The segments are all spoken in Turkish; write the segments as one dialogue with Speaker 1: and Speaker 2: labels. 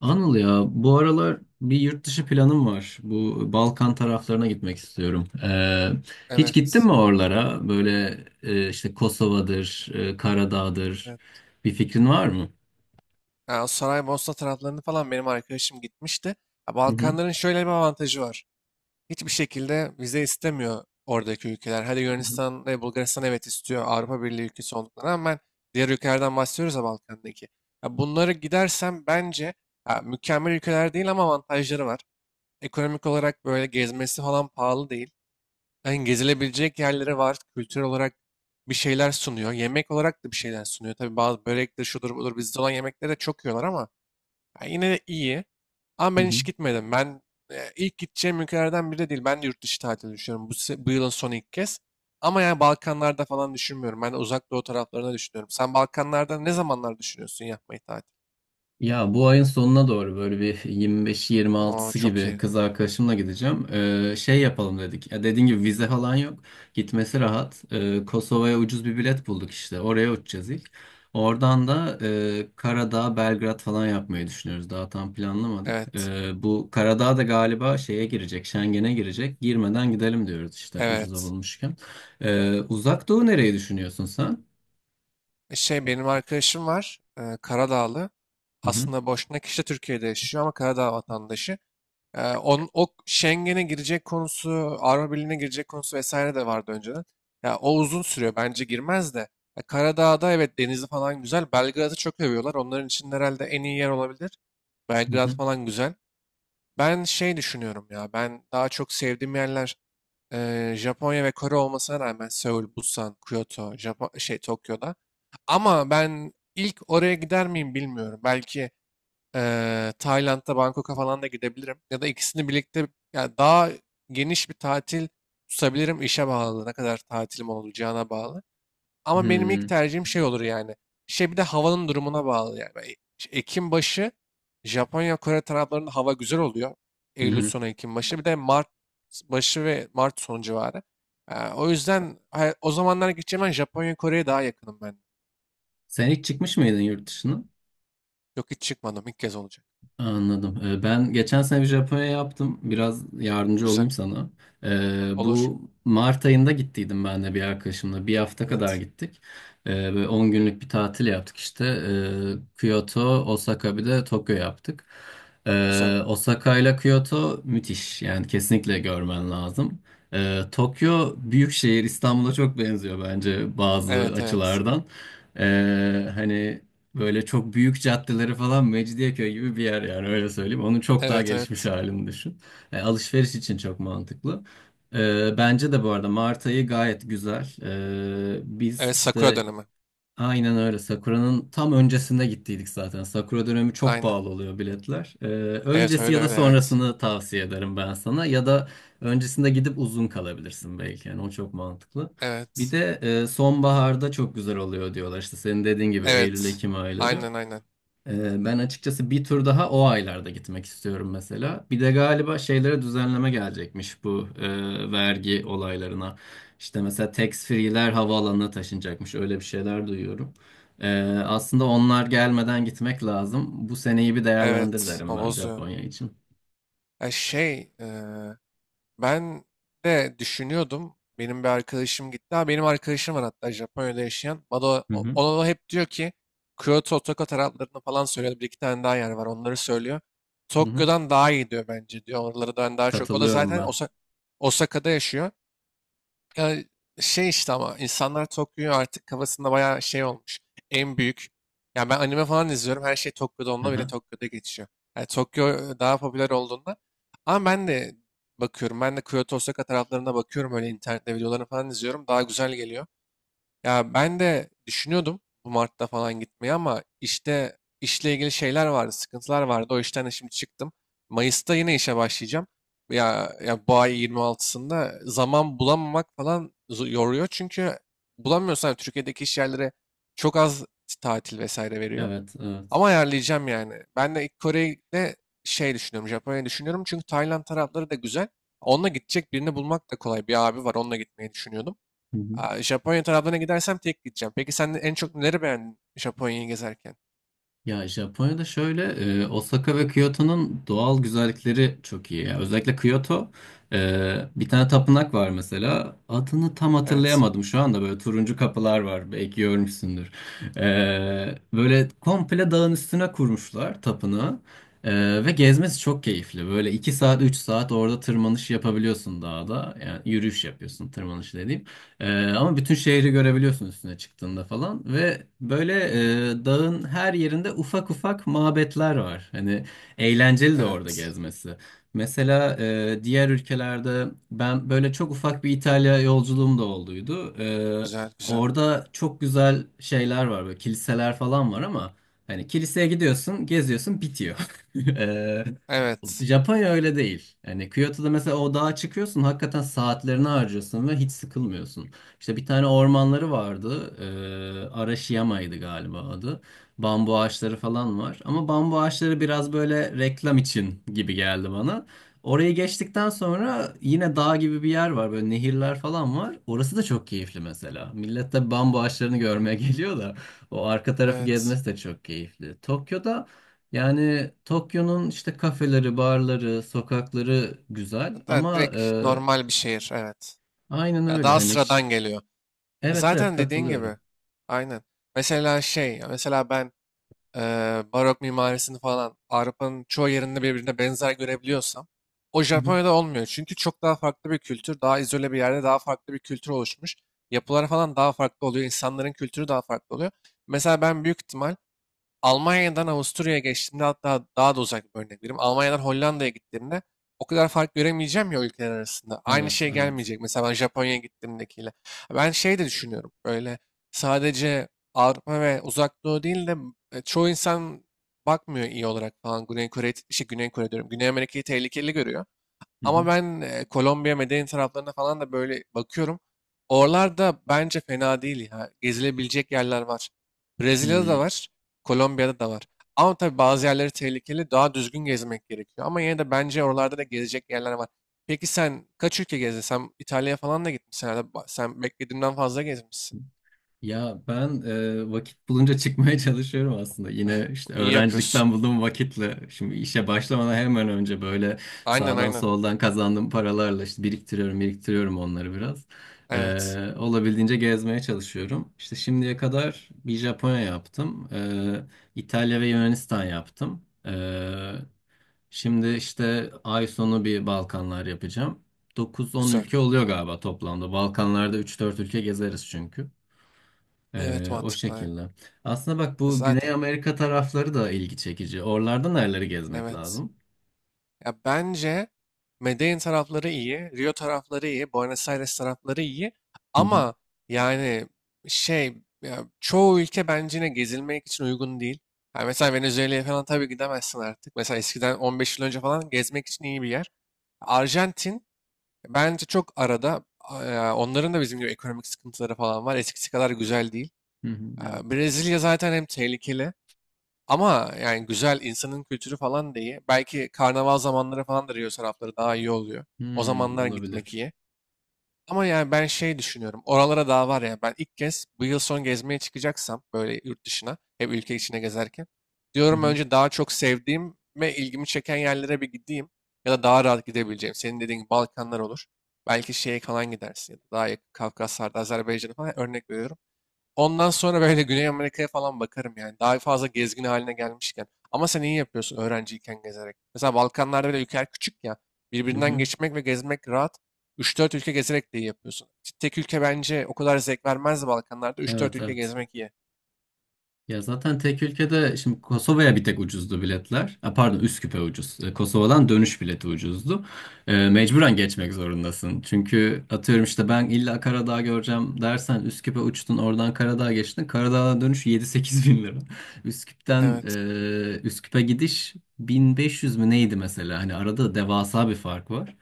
Speaker 1: Anıl, ya bu aralar bir yurt dışı planım var. Bu Balkan taraflarına gitmek istiyorum. Hiç gittin
Speaker 2: Evet.
Speaker 1: mi oralara? Böyle işte Kosova'dır, Karadağ'dır.
Speaker 2: Evet.
Speaker 1: Bir fikrin var mı?
Speaker 2: Ha, o saray Mosna taraflarını falan benim arkadaşım gitmişti. Ha,
Speaker 1: Hı hı.
Speaker 2: Balkanların şöyle bir avantajı var. Hiçbir şekilde vize istemiyor oradaki ülkeler. Hadi
Speaker 1: Hı hı.
Speaker 2: Yunanistan ve Bulgaristan evet istiyor Avrupa Birliği ülkesi olduklarına rağmen diğer ülkelerden bahsediyoruz ya Balkan'daki. Ya bunları gidersem bence ha, mükemmel ülkeler değil ama avantajları var. Ekonomik olarak böyle gezmesi falan pahalı değil. Yani gezilebilecek yerleri var. Kültür olarak bir şeyler sunuyor. Yemek olarak da bir şeyler sunuyor. Tabii bazı börektir, şudur budur bizde olan yemekleri de çok yiyorlar ama yani yine de iyi. Ama
Speaker 1: Hı
Speaker 2: ben
Speaker 1: hı.
Speaker 2: hiç gitmedim. Ben ilk gideceğim ülkelerden biri de değil. Ben de yurt dışı tatili düşünüyorum. Bu yılın son ilk kez. Ama yani Balkanlarda falan düşünmüyorum. Ben de Uzak Doğu taraflarına düşünüyorum. Sen Balkanlarda ne zamanlar düşünüyorsun yapmayı tatil?
Speaker 1: Ya bu ayın sonuna doğru böyle bir
Speaker 2: Aa,
Speaker 1: 25-26'sı
Speaker 2: çok
Speaker 1: gibi
Speaker 2: iyi.
Speaker 1: kız arkadaşımla gideceğim. Şey yapalım dedik. Ya, dediğin gibi vize falan yok. Gitmesi rahat. Kosova'ya ucuz bir bilet bulduk işte. Oraya uçacağız ilk. Oradan da Karadağ, Belgrad falan yapmayı düşünüyoruz. Daha tam planlamadık.
Speaker 2: Evet.
Speaker 1: Bu Karadağ da galiba şeye girecek, Schengen'e girecek. Girmeden gidelim diyoruz işte, ucuza
Speaker 2: Evet.
Speaker 1: bulmuşken. Uzak Doğu nereyi düşünüyorsun sen?
Speaker 2: Şey benim arkadaşım var Karadağlı.
Speaker 1: Hı hı.
Speaker 2: Aslında boşuna kişi de Türkiye'de yaşıyor ama Karadağ vatandaşı. O Schengen'e girecek konusu, Avrupa Birliği'ne girecek konusu vesaire de vardı önceden. Ya, o uzun sürüyor bence girmez de. Ya, Karadağ'da evet denizi falan güzel. Belgrad'ı çok övüyorlar. Onların için herhalde en iyi yer olabilir.
Speaker 1: Hı
Speaker 2: Belgrad
Speaker 1: hı.
Speaker 2: falan güzel. Ben şey düşünüyorum ya, ben daha çok sevdiğim yerler Japonya ve Kore olmasına rağmen Seul, Busan, Kyoto, Japon şey Tokyo'da. Ama ben ilk oraya gider miyim bilmiyorum. Belki Tayland'da Bangkok'a falan da gidebilirim. Ya da ikisini birlikte ya daha geniş bir tatil tutabilirim, işe bağlı. Ne kadar tatilim olacağına bağlı.
Speaker 1: Hı
Speaker 2: Ama benim ilk
Speaker 1: hı.
Speaker 2: tercihim şey olur yani. Şey, bir de havanın durumuna bağlı yani. Ben Ekim başı Japonya, Kore taraflarında hava güzel oluyor.
Speaker 1: Hı
Speaker 2: Eylül
Speaker 1: hı.
Speaker 2: sonu, Ekim başı. Bir de Mart başı ve Mart sonu civarı. O yüzden o zamanlar gideceğim ben, Japonya, Kore'ye daha yakınım ben.
Speaker 1: Sen hiç çıkmış mıydın yurt dışına?
Speaker 2: Yok, hiç çıkmadım. İlk kez olacak.
Speaker 1: Anladım. Ben geçen sene bir Japonya yaptım. Biraz yardımcı
Speaker 2: Güzel.
Speaker 1: olayım sana. Ee,
Speaker 2: Olur.
Speaker 1: bu Mart ayında gittiydim ben de bir arkadaşımla. Bir hafta kadar
Speaker 2: Evet.
Speaker 1: gittik. Böyle 10 günlük bir tatil yaptık işte. Kyoto, Osaka bir de Tokyo yaptık.
Speaker 2: Güzel.
Speaker 1: Osaka ile Kyoto müthiş. Yani kesinlikle görmen lazım. Tokyo büyük şehir, İstanbul'a çok benziyor bence bazı
Speaker 2: Evet, evet.
Speaker 1: açılardan. Hani böyle çok büyük caddeleri falan, Mecidiyeköy gibi bir yer yani, öyle söyleyeyim. Onun çok daha
Speaker 2: Evet,
Speaker 1: gelişmiş
Speaker 2: evet.
Speaker 1: halini düşün. Alışveriş için çok mantıklı. Bence de bu arada Mart ayı gayet güzel. Biz
Speaker 2: Evet, Sakura
Speaker 1: işte
Speaker 2: dönemi.
Speaker 1: aynen öyle Sakura'nın tam öncesinde gittiydik zaten. Sakura dönemi çok
Speaker 2: Aynen.
Speaker 1: pahalı oluyor biletler. E,
Speaker 2: Evet,
Speaker 1: öncesi
Speaker 2: öyle
Speaker 1: ya da
Speaker 2: öyle. Evet.
Speaker 1: sonrasını tavsiye ederim ben sana. Ya da öncesinde gidip uzun kalabilirsin belki. Yani o çok mantıklı. Bir
Speaker 2: Evet.
Speaker 1: de sonbaharda çok güzel oluyor diyorlar. İşte senin dediğin gibi
Speaker 2: Evet.
Speaker 1: Eylül-Ekim ayları.
Speaker 2: Aynen, aynen.
Speaker 1: Ben açıkçası bir tur daha o aylarda gitmek istiyorum mesela. Bir de galiba şeylere düzenleme gelecekmiş, bu vergi olaylarına. İşte mesela tax free'ler havaalanına taşınacakmış. Öyle bir şeyler duyuyorum. Ee, aslında onlar gelmeden gitmek lazım. Bu seneyi bir değerlendir
Speaker 2: Evet.
Speaker 1: derim
Speaker 2: O
Speaker 1: ben
Speaker 2: bozuyor.
Speaker 1: Japonya için.
Speaker 2: Ya şey, ben de düşünüyordum. Benim bir arkadaşım gitti. Ha, benim arkadaşım var hatta Japonya'da yaşayan. Bana,
Speaker 1: Hı hı.
Speaker 2: ona hep diyor ki Kyoto, Tokyo taraflarını falan söylüyor. Bir iki tane daha yer var, onları söylüyor.
Speaker 1: Hı hı.
Speaker 2: Tokyo'dan daha iyi diyor bence diyor. Oraları ben daha çok. O da
Speaker 1: Katılıyorum
Speaker 2: zaten
Speaker 1: ben.
Speaker 2: Osaka'da yaşıyor. Ya şey işte, ama insanlar Tokyo'yu artık kafasında bayağı şey olmuş. En büyük. Yani ben anime falan izliyorum. Her şey Tokyo'da,
Speaker 1: Hı
Speaker 2: onda bile
Speaker 1: hı.
Speaker 2: Tokyo'da geçiyor. Yani Tokyo daha popüler olduğunda. Ama ben de bakıyorum. Ben de Kyoto, Osaka taraflarına bakıyorum. Öyle internette videolarını falan izliyorum. Daha güzel geliyor. Ya ben de düşünüyordum bu Mart'ta falan gitmeyi, ama işte işle ilgili şeyler vardı, sıkıntılar vardı. O işten de şimdi çıktım. Mayıs'ta yine işe başlayacağım. Ya bu ay 26'sında zaman bulamamak falan yoruyor. Çünkü bulamıyorsan Türkiye'deki iş yerlere çok az tatil vesaire veriyor.
Speaker 1: Evet, evet.
Speaker 2: Ama ayarlayacağım yani. Ben de ilk Kore'de şey düşünüyorum, Japonya'yı düşünüyorum. Çünkü Tayland tarafları da güzel. Onunla gidecek birini bulmak da kolay. Bir abi var, onunla gitmeyi düşünüyordum.
Speaker 1: Hı hı.
Speaker 2: Aa, Japonya taraflarına gidersem tek gideceğim. Peki sen en çok neleri beğendin Japonya'yı gezerken?
Speaker 1: Ya Japonya'da şöyle, Osaka ve Kyoto'nun doğal güzellikleri çok iyi. Yani özellikle Kyoto, bir tane tapınak var mesela. Adını tam
Speaker 2: Evet.
Speaker 1: hatırlayamadım şu anda, böyle turuncu kapılar var, belki görmüşsündür. Böyle komple dağın üstüne kurmuşlar tapınağı. Ve gezmesi çok keyifli. Böyle 2 saat 3 saat orada tırmanış yapabiliyorsun dağda. Yani yürüyüş yapıyorsun, tırmanış dediğim. Ama bütün şehri görebiliyorsun üstüne çıktığında falan, ve böyle, dağın her yerinde ufak ufak mabetler var. Hani eğlenceli de orada
Speaker 2: Evet.
Speaker 1: gezmesi. Mesela diğer ülkelerde, ben böyle çok ufak bir İtalya yolculuğum da olduydu. Ee,
Speaker 2: Güzel, güzel.
Speaker 1: orada çok güzel şeyler var, böyle kiliseler falan var, ama hani kiliseye gidiyorsun, geziyorsun, bitiyor. Ee,
Speaker 2: Evet.
Speaker 1: Japonya öyle değil. Yani Kyoto'da mesela o dağa çıkıyorsun, hakikaten saatlerini harcıyorsun ve hiç sıkılmıyorsun. İşte bir tane ormanları vardı. Arashiyama'ydı galiba adı. Bambu ağaçları falan var. Ama bambu ağaçları biraz böyle reklam için gibi geldi bana. Orayı geçtikten sonra yine dağ gibi bir yer var. Böyle nehirler falan var. Orası da çok keyifli mesela. Millet de bambu ağaçlarını görmeye geliyor da, o arka tarafı
Speaker 2: Evet.
Speaker 1: gezmesi de çok keyifli. Tokyo'da, yani Tokyo'nun işte kafeleri, barları, sokakları güzel,
Speaker 2: Da,
Speaker 1: ama
Speaker 2: direkt normal bir şehir. Evet.
Speaker 1: aynen
Speaker 2: Ya
Speaker 1: öyle
Speaker 2: daha
Speaker 1: hani,
Speaker 2: sıradan geliyor.
Speaker 1: evet, evet
Speaker 2: Zaten dediğin gibi.
Speaker 1: katılıyorum.
Speaker 2: Aynen. Mesela şey, ya mesela ben eee, barok mimarisini falan Avrupa'nın çoğu yerinde birbirine benzer görebiliyorsam o
Speaker 1: Hı hı.
Speaker 2: Japonya'da olmuyor. Çünkü çok daha farklı bir kültür, daha izole bir yerde daha farklı bir kültür oluşmuş. Yapılar falan daha farklı oluyor, insanların kültürü daha farklı oluyor. Mesela ben büyük ihtimal Almanya'dan Avusturya'ya geçtiğimde, hatta daha da uzak bir örnek vereyim, Almanya'dan Hollanda'ya gittiğimde o kadar fark göremeyeceğim ya ülkeler arasında. Aynı
Speaker 1: Evet,
Speaker 2: şey
Speaker 1: evet.
Speaker 2: gelmeyecek mesela ben Japonya'ya gittiğimdekiyle. Ben şey de düşünüyorum. Böyle sadece Avrupa ve Uzak Doğu değil de çoğu insan bakmıyor iyi olarak falan. Güney Kore, şey Güney Kore diyorum, Güney Amerika'yı tehlikeli görüyor.
Speaker 1: Hı hı.
Speaker 2: Ama ben Kolombiya, Medellin taraflarına falan da böyle bakıyorum. Oralarda bence fena değil ya. Gezilebilecek yerler var. Brezilya'da da
Speaker 1: Hmm.
Speaker 2: var, Kolombiya'da da var. Ama tabii bazı yerleri tehlikeli, daha düzgün gezmek gerekiyor. Ama yine de bence oralarda da gezecek yerler var. Peki sen kaç ülke gezdin? Sen İtalya'ya falan da gitmişsin herhalde. Sen beklediğimden fazla gezmişsin.
Speaker 1: Ya ben vakit bulunca çıkmaya çalışıyorum aslında. Yine işte
Speaker 2: İyi yapıyorsun.
Speaker 1: öğrencilikten bulduğum vakitle, şimdi işe başlamadan hemen önce, böyle
Speaker 2: Aynen,
Speaker 1: sağdan
Speaker 2: aynen.
Speaker 1: soldan kazandığım paralarla işte biriktiriyorum, biriktiriyorum onları biraz.
Speaker 2: Evet.
Speaker 1: Olabildiğince gezmeye çalışıyorum. İşte şimdiye kadar bir Japonya yaptım. İtalya ve Yunanistan yaptım. Şimdi işte ay sonu bir Balkanlar yapacağım. 9-10
Speaker 2: Güzel.
Speaker 1: ülke oluyor galiba toplamda. Balkanlarda üç dört ülke gezeriz çünkü.
Speaker 2: Evet,
Speaker 1: O
Speaker 2: mantıklı.
Speaker 1: şekilde. Aslında bak, bu Güney
Speaker 2: Zaten.
Speaker 1: Amerika tarafları da ilgi çekici. Oralarda nereleri gezmek
Speaker 2: Evet.
Speaker 1: lazım?
Speaker 2: Ya bence Medellin tarafları iyi, Rio tarafları iyi, Buenos Aires tarafları iyi.
Speaker 1: Hı hı.
Speaker 2: Ama yani şey, ya çoğu ülke bence yine gezilmek için uygun değil. Yani mesela Venezuela'ya falan tabii gidemezsin artık. Mesela eskiden 15 yıl önce falan gezmek için iyi bir yer. Arjantin bence çok arada. Onların da bizim gibi ekonomik sıkıntıları falan var. Eskisi kadar güzel değil.
Speaker 1: Hı hı, evet.
Speaker 2: Brezilya zaten hem tehlikeli. Ama yani güzel, insanın kültürü falan da iyi. Belki karnaval zamanları falan da Rio tarafları daha iyi oluyor. O
Speaker 1: Hmm,
Speaker 2: zamanlar gitmek
Speaker 1: olabilir.
Speaker 2: iyi. Ama yani ben şey düşünüyorum, oralara daha var ya. Ben ilk kez bu yıl son gezmeye çıkacaksam böyle yurt dışına, hep ülke içine gezerken,
Speaker 1: Hı
Speaker 2: diyorum
Speaker 1: hı,
Speaker 2: önce daha çok sevdiğim ve ilgimi çeken yerlere bir gideyim. Ya da daha rahat gidebileceğim. Senin dediğin gibi Balkanlar olur. Belki şeye falan gidersin. Ya da daha yakın Kafkaslar'da, Azerbaycan'a falan, örnek veriyorum. Ondan sonra böyle Güney Amerika'ya falan bakarım yani. Daha fazla gezgin haline gelmişken. Ama sen iyi yapıyorsun öğrenciyken gezerek. Mesela Balkanlarda bile ülkeler küçük ya.
Speaker 1: hı
Speaker 2: Birbirinden
Speaker 1: hı.
Speaker 2: geçmek ve gezmek rahat. Üç dört ülke gezerek de iyi yapıyorsun. Tek ülke bence o kadar zevk vermez Balkanlarda. Üç dört
Speaker 1: Evet,
Speaker 2: ülke
Speaker 1: evet.
Speaker 2: gezmek iyi.
Speaker 1: Ya zaten tek ülkede, şimdi Kosova'ya bir tek ucuzdu biletler. Ha, pardon, Üsküp'e ucuz. Kosova'dan dönüş bileti ucuzdu. Mecburen geçmek zorundasın. Çünkü, atıyorum işte, ben illa Karadağ göreceğim dersen, Üsküp'e uçtun, oradan Karadağ geçtin. Karadağ'dan dönüş 7-8 bin lira. Üsküp'ten,
Speaker 2: Evet.
Speaker 1: Üsküp'e gidiş 1500 mü neydi mesela? Hani arada devasa bir fark var.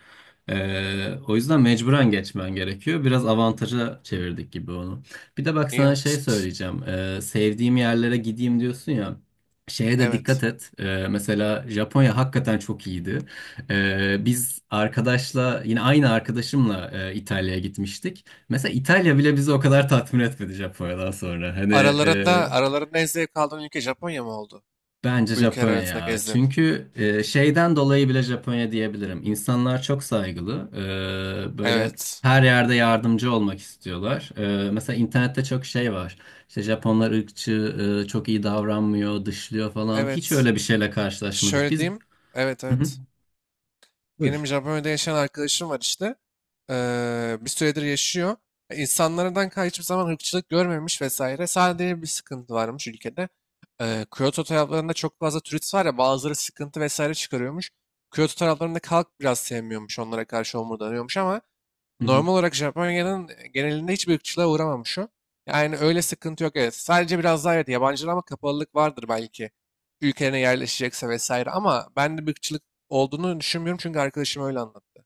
Speaker 1: O yüzden mecburen geçmen gerekiyor. Biraz avantaja çevirdik gibi onu. Bir de bak,
Speaker 2: İyi
Speaker 1: sana şey
Speaker 2: yapmışsınız.
Speaker 1: söyleyeceğim. Sevdiğim yerlere gideyim diyorsun ya. Şeye de
Speaker 2: Evet.
Speaker 1: dikkat et. Mesela Japonya hakikaten çok iyiydi. Biz arkadaşla, yine aynı arkadaşımla, İtalya'ya gitmiştik. Mesela İtalya bile bizi o kadar tatmin etmedi Japonya'dan sonra. Hani,
Speaker 2: Aralarında en zevk aldığın ülke Japonya mı oldu?
Speaker 1: bence
Speaker 2: Bu ülkeler
Speaker 1: Japonya
Speaker 2: arasında
Speaker 1: ya.
Speaker 2: gezdin.
Speaker 1: Çünkü, şeyden dolayı bile Japonya diyebilirim. İnsanlar çok saygılı. Böyle
Speaker 2: Evet.
Speaker 1: her yerde yardımcı olmak istiyorlar. Mesela internette çok şey var. İşte Japonlar ırkçı, çok iyi davranmıyor, dışlıyor falan. Hiç
Speaker 2: Evet.
Speaker 1: öyle bir şeyle karşılaşmadık.
Speaker 2: Şöyle
Speaker 1: Biz...
Speaker 2: diyeyim. Evet,
Speaker 1: Hı hı.
Speaker 2: evet.
Speaker 1: Buyur.
Speaker 2: Benim Japonya'da yaşayan arkadaşım var işte. Bir süredir yaşıyor. İnsanlardan hiçbir zaman ırkçılık görmemiş vesaire. Sadece bir sıkıntı varmış ülkede. Kyoto taraflarında çok fazla turist var ya, bazıları sıkıntı vesaire çıkarıyormuş. Kyoto taraflarında halk biraz sevmiyormuş, onlara karşı homurdanıyormuş, ama
Speaker 1: Hı hı.
Speaker 2: normal olarak Japonya'nın genelinde hiçbir ırkçılığa uğramamış o. Yani öyle sıkıntı yok, evet. Sadece biraz daha, evet, yabancılara ama kapalılık vardır belki. Ülkelerine yerleşecekse vesaire, ama ben de bir ırkçılık olduğunu düşünmüyorum çünkü arkadaşım öyle anlattı.